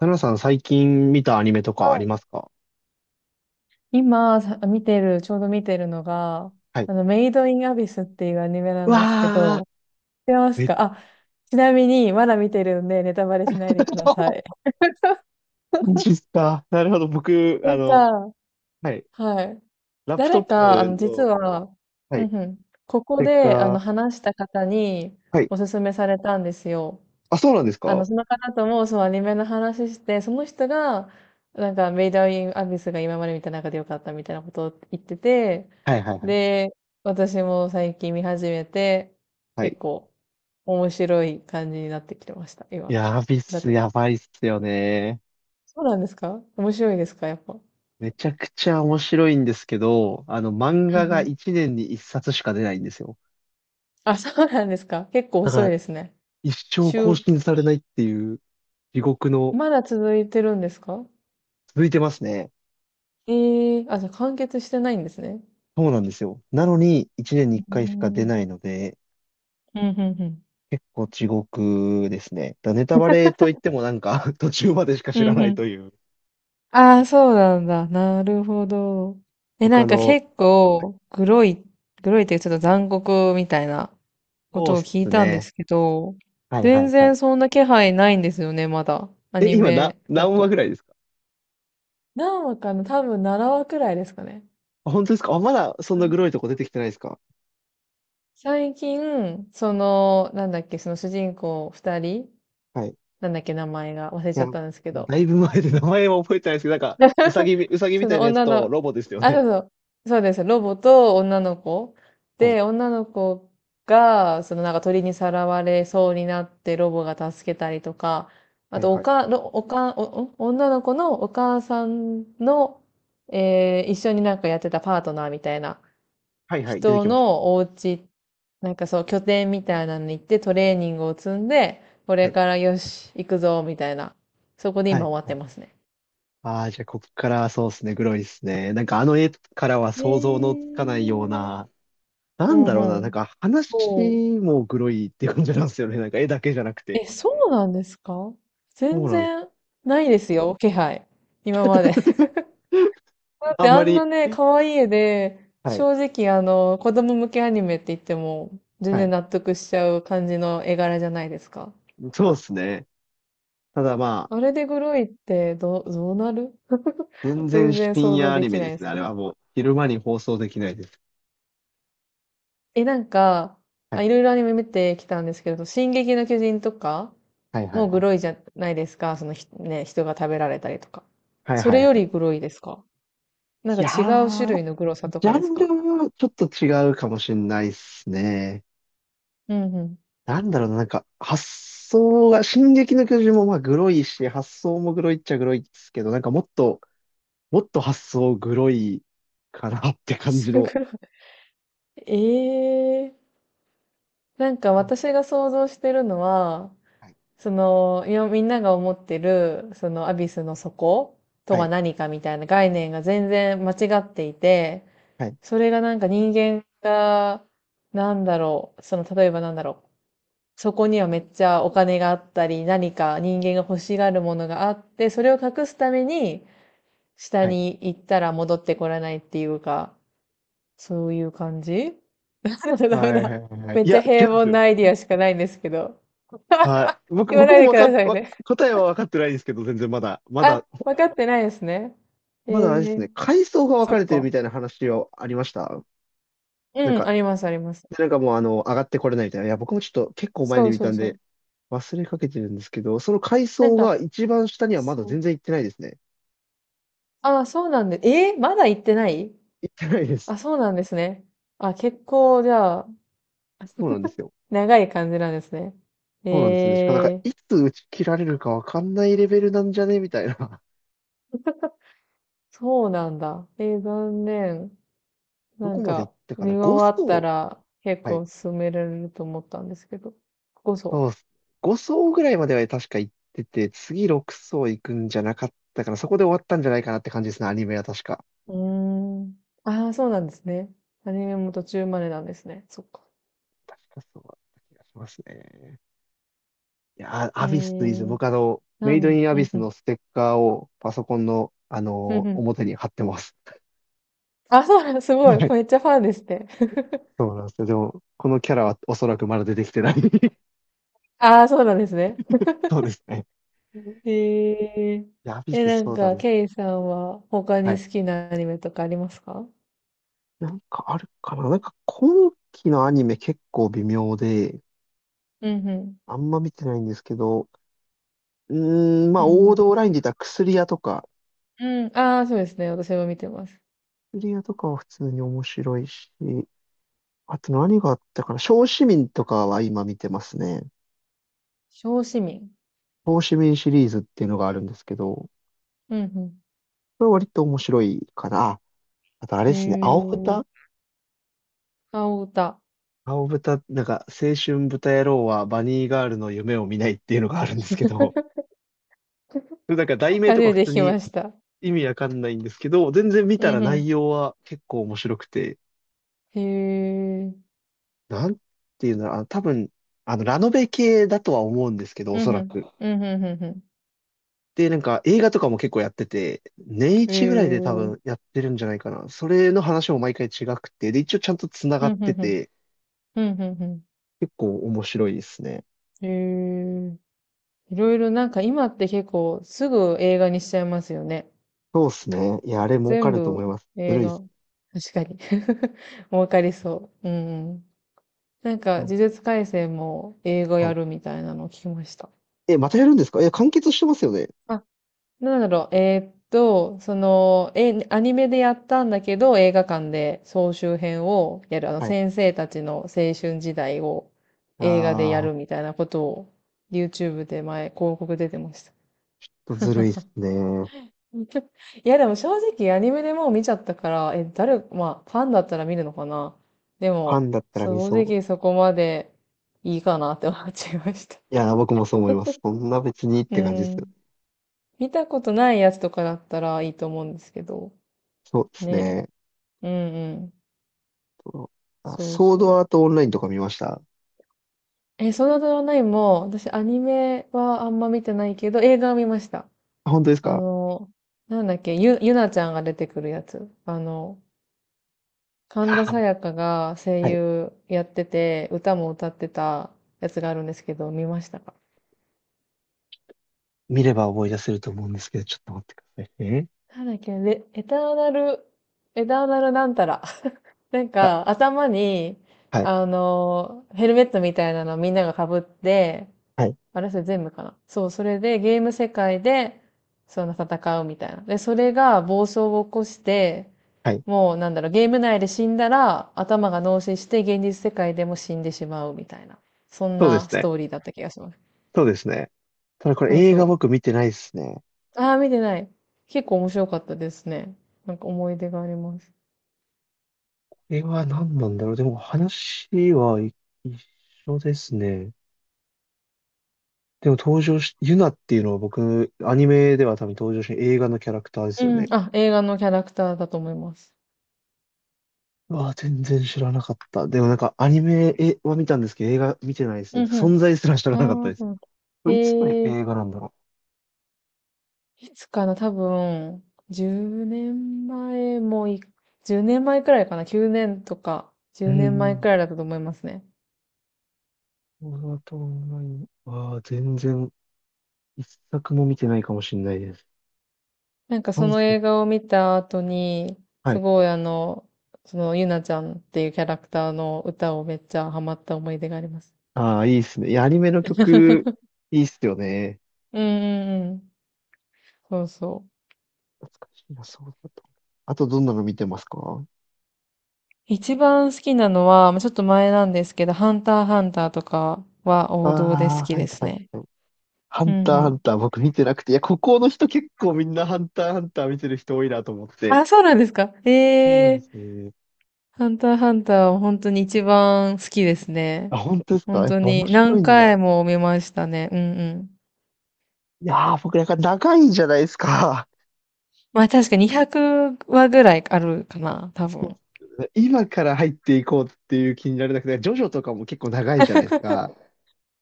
ナナさん最近見たアニメとはかありまい。すか？今見てる、ちょうど見てるのが、はい。メイド・イン・アビスっていうアニメなうんですけわー、ど、知ってま すめっちか？あ、ちなみに、まだ見てるんで、ネタバレしないでくださゃい。マ ジっすか。なるほど。僕、なんか、はい。はい。ラップト誰ッか、プ実の、は、はい。うんうん、こスこテッで、カー。話した方にはい。おすすめされたんですよ。あ、そうなんですか？あの、はその方とも、そう、アニメの話して、その人が、メイドインアビスが今まで見た中で良かったみたいなことを言ってて、いはいはい。で、私も最近見始めて、は結い。構、面白い感じになってきてました、今。やびっだっす、て、やばいっすよね。そうなんですか？面白いですか、やっぱ。めちゃくちゃ面白いんですけど、漫う画んうがん。1年に1冊しか出ないんですよ。あ、そうなんですか？結構だか遅いら、ですね。一生更週、新されないっていう地獄の、まだ続いてるんですか？続いてますね。ええー、あ、じゃあ完結してないんですね。そうなんですよ。なのに、1年に1う回しか出ん。ないので、うん、うん、うん。結構地獄ですね。だネタバレといってもなんか 途中までしかう知らん、なういん、という。ああ、そうなんだ。なるほど。え、な他んかの、結構、グロいっていうちょっと残酷みたいなこそうとっをす聞いたんでね。すけど、はいは全いは然い。そんな気配ないんですよね、まだ。アえ、ニ今な、メだ何話と。ぐらいですか？何話かな、多分7話くらいですかね。あ、本当ですか？あ、まだそんななグロないとこ出てきてないですか？最近、その、なんだっけ、その主人公二人、はい。いなんだっけ、名前が忘れちや、ゃっもたんですけうど、だいぶ前で名前は覚えてないですけど、なんか、うさぎみそたいのなやつ女との、ロボですよあ、そね。うそう、そうです。ロボと女の子。はい。で、女の子が、そのなんか鳥にさらわれそうになってロボが助けたりとか、あはいと、おはい。か、ろおか、お、お女の子のお母さんの、一緒になんかやってたパートナーみたいなはいはい。出て人きました。のお家、なんかそう、拠点みたいなのに行ってトレーニングを積んで、こはれい。からよし、行くぞ、みたいな。そこでは今い。終わっはてい。ますね。ああ、じゃあこっからそうですね。グロいですね。なんかあの絵からは想像のつへかないようー、な、なうんだろうな、んなうんん。かそう。話もグロいって感じなんですよね。なんか絵だけじゃなくて。え、そうなんですか？そ全うなんです。然ないですよ、気配。今まで。だっあてんあまんなり、ね、可愛い絵で、はい、正直あの、子供向けアニメって言っても、全は然い。納得しちゃう感じの絵柄じゃないですか。そうですね。ただまあれでグロいってどうなる？ あ、全然全然深想像夜アでニきメなでいですすね。あけれど。はもう、昼間に放送できないです。え、なんか、はあ、い、いろいろアニメ見てきたんですけど、進撃の巨人とか、はい、はもい、うはグい。ロいじゃないですか。そのひ、ね、人が食べられたりとか。はいそはいれよはりい。グロいですか？なんかいや違う種ー、類のグロさとジャかですンルか？はちょっと違うかもしれないっすね。うんうん。なんだろうな、なんか、発想が、進撃の巨人もまあ、グロいし、発想もグロいっちゃグロいっすけど、なんかもっと、もっと発想グロいかなって あ、感じそれグの。ロい。ええー。なんかうん私が想像してるのは、はい。その、いやみんなが思ってる、そのアビスの底とははい。何かみたいな概念が全然間違っていて、はい。それがなんか人間が、なんだろう、その、例えばなんだろう、そこにはめっちゃお金があったり、何か人間が欲しがるものがあって、それを隠すために、下はい。に行ったら戻ってこらないっていうか、そういう感じ。 ダメだ。ダメはい。はだ。い。はい。めっいちゃや、違う平んで凡すよ。なアイディアしかないんですけど。はい。僕、言わ僕ないもでわくかだっ、さいわ、ね。答えは分かってないんですけど、全然まだ、まだ、あ、分かってないですね。えまだあれですえ、ね、階層が分そかっれてるか。みたいな話はありました。なんうん、か、あります、あります。でなんかもう上がってこれないみたいな。いや、僕もちょっと結構前そにう見そたうんそで、う。忘れかけてるんですけど、その階なん層がか、一番下にはまそだう。全然行ってないですね。あ、そうなんで、えーまだ行ってない？行ってないです。あ、そうなんですね。あ、結構、じゃあ、そうなんです よ。長い感じなんですね。そうなんですね。しかもなんか、えー、いつ打ち切られるかわかんないレベルなんじゃねみたいな。そうなんだ。えー残念。どなんこまで行か、ったか見な？ 5 終わった層。ら結はい。構進められると思ったんですけど。ここそそうっす。5層ぐらいまでは確か行ってて、次6層行くんじゃなかったから、そこで終わったんじゃないかなって感じですね、アニメは確か。う。うーん。ああ、そうなんですね。アニメも途中までなんですね。そっか。確かそうだった気がしますね。いやー、えアビスいいですよ。ー、僕メイドインアうビんスふん、のステッカーをパソコンの、うんふん。表に貼ってます。あ、そうなん、す ごい。はい。めっちゃファンですね。そうなんですよ。でも、このキャラはおそらくまだ出てきてない。ああ、そうなんですね。そうですね。え、えや、アビえ、ス、なんそうだか、ね。ケイさんは他にはい。好きなアニメとかありますか？なんかあるかな？なんか今期のアニメ結構微妙で、うんうん。あんま見てないんですけど、うーん、まうあんう王ん。道ラインで言ったら薬屋とか、うん。ああ、そうですね。私も見てます。薬屋とかは普通に面白いし、あと何があったかな、小市民とかは今見てますね。小市民。小市民シリーズっていうのがあるんですけど、こうんうん。れは割と面白いかな。ああとあれへですね、青え。豚青歌。青豚、なんか、青春豚野郎はバニーガールの夢を見ないっていうのがあるんですけど、なんか題名初とかめ普て聞通きにました。意味わかんないんですけど、全然見うたらんうん。内容は結構面白くて、へえ。なんていうの、あ、多分、ラノベ系だとは思うんですけど、おうそんうらん。く。うんうんうんうん。で、なんか映画とかも結構やってて、年へ一ぐらいで多え。分やってるんじゃないかな。それの話も毎回違くて、で、一応ちゃんと繋がうんっうてんうん。て、うんうんうん。結構面白いですね。へえ、いろいろなんか今って結構すぐ映画にしちゃいますよね。そうですね。いや、あれ儲か全ると思い部ます。ず映るいで画。す。確かに。儲かりそう。うん。なんうかん呪術廻戦も映画はやい。るみたいなのを聞きました。え、またやるんですか？え、完結してますよね。あ、なんだろう。えーっと、その、え、アニメでやったんだけど映画館で総集編をやる。あのはい。先生たちの青春時代を映画でやあるみたいなことを YouTube で前広告出てました。ー、ずるいですね。フ いやでも正直アニメでもう見ちゃったから、え、誰、まあ、ファンだったら見るのかな。でァンも、だったら見正そう。直そこまでいいかなって思っちゃいました。いや、僕もそう思います。そんな別にっうて感じですよん。ね。見たことないやつとかだったらいいと思うんですけど。そうですね。ね。うんうん。とあ、そうソードそアートオンラインとか見ました？う。え、ソードアートオンラインも、私アニメはあんま見てないけど、映画は見ました。あ、本当ですあか？の、なんだっけ、ゆなちゃんが出てくるやつ。あの、神田あ、沙也加が声はい。優やってて、歌も歌ってたやつがあるんですけど、見ましたか？見れば思い出せると思うんですけど、ちょっと待ってくださいね。なんだっけ、レエターナル、エターナルなんたら。なんあ、か、頭に、はい、あの、ヘルメットみたいなのみんなが被って、はい、あれそれ全部かな。そう、それでゲーム世界で、その戦うみたいな。で、それが暴走を起こして、はい。もうなんだろう、ゲーム内で死んだら頭が脳死して現実世界でも死んでしまうみたいな。そんそうでなすスね。トーリーだった気がします。そうですね。ただこれそう映画そ僕見てないですね。こう。ああ、見てない。結構面白かったですね。なんか思い出があります。れは何なんだろう。でも話はい、一緒ですね。でも登場し、ユナっていうのは僕、アニメでは多分登場し、映画のキャラクターですうよん。ね。あ、映画のキャラクターだと思います。うわ、全然知らなかった。でもなんかアニメは見たんですけど、映画見てないですね。うんうん。存在すら知らなかっあたあ、でそす。うなんだ。これいつのへえ。映画なんだろいつかな、多分、10年前もい、10年前くらいかな、9年とか、う。う10年前くん。らいだったと思いますね。オーナイ、わあ全然、一作も見てないかもしれないです。なんかそ三の作。映画を見た後に、はすい。ごいあの、そのゆなちゃんっていうキャラクターの歌をめっちゃハマった思い出があります。ああ、いいですね。いや、アニメの曲、いいっすよね。うんうんうん。そうそう。懐かしいな、そうだった。あとどんなの見てますか？一番好きなのは、まあちょっと前なんですけど、ハンターハンターとかは王道で好ああきー、はでい、すはい、ね。はい。ハうんンうター、ハンん。ター、僕見てなくて。いや、ここの人結構みんなハンター、ハンター見てる人多いなと思って。あ、そうなんですか。そうなんえ、ですえ、ね。ハンターハンターは本当に一番好きですね。あ、本当ですか？本やっ当ぱ面に白何いんだ。回も見ましたね。うんうん。いやー、僕なんか長いじゃないですか。まあ確か200話ぐらいあるかな、多分。今から入っていこうっていう気になれなくて、ジョジョとかも結構長いじゃないですか。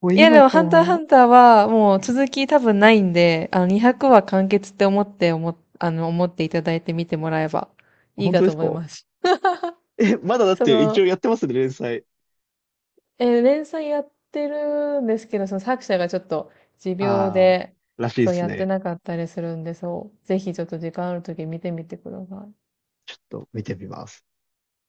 もういやで今もかハンターハら、ンターはもう続き多分ないんで、あの200話完結って思っていただいて見てもらえばいい本か当でとす思いか？ます。え、まだだっそて一の、応やってますね、連載。えー連載やってるんですけど、その作者がちょっと持病あで、ー、らしいでそうすやってね。なかったりするんで、そう、ぜひちょっと時間あるとき見てみてください。ちょっと見てみます。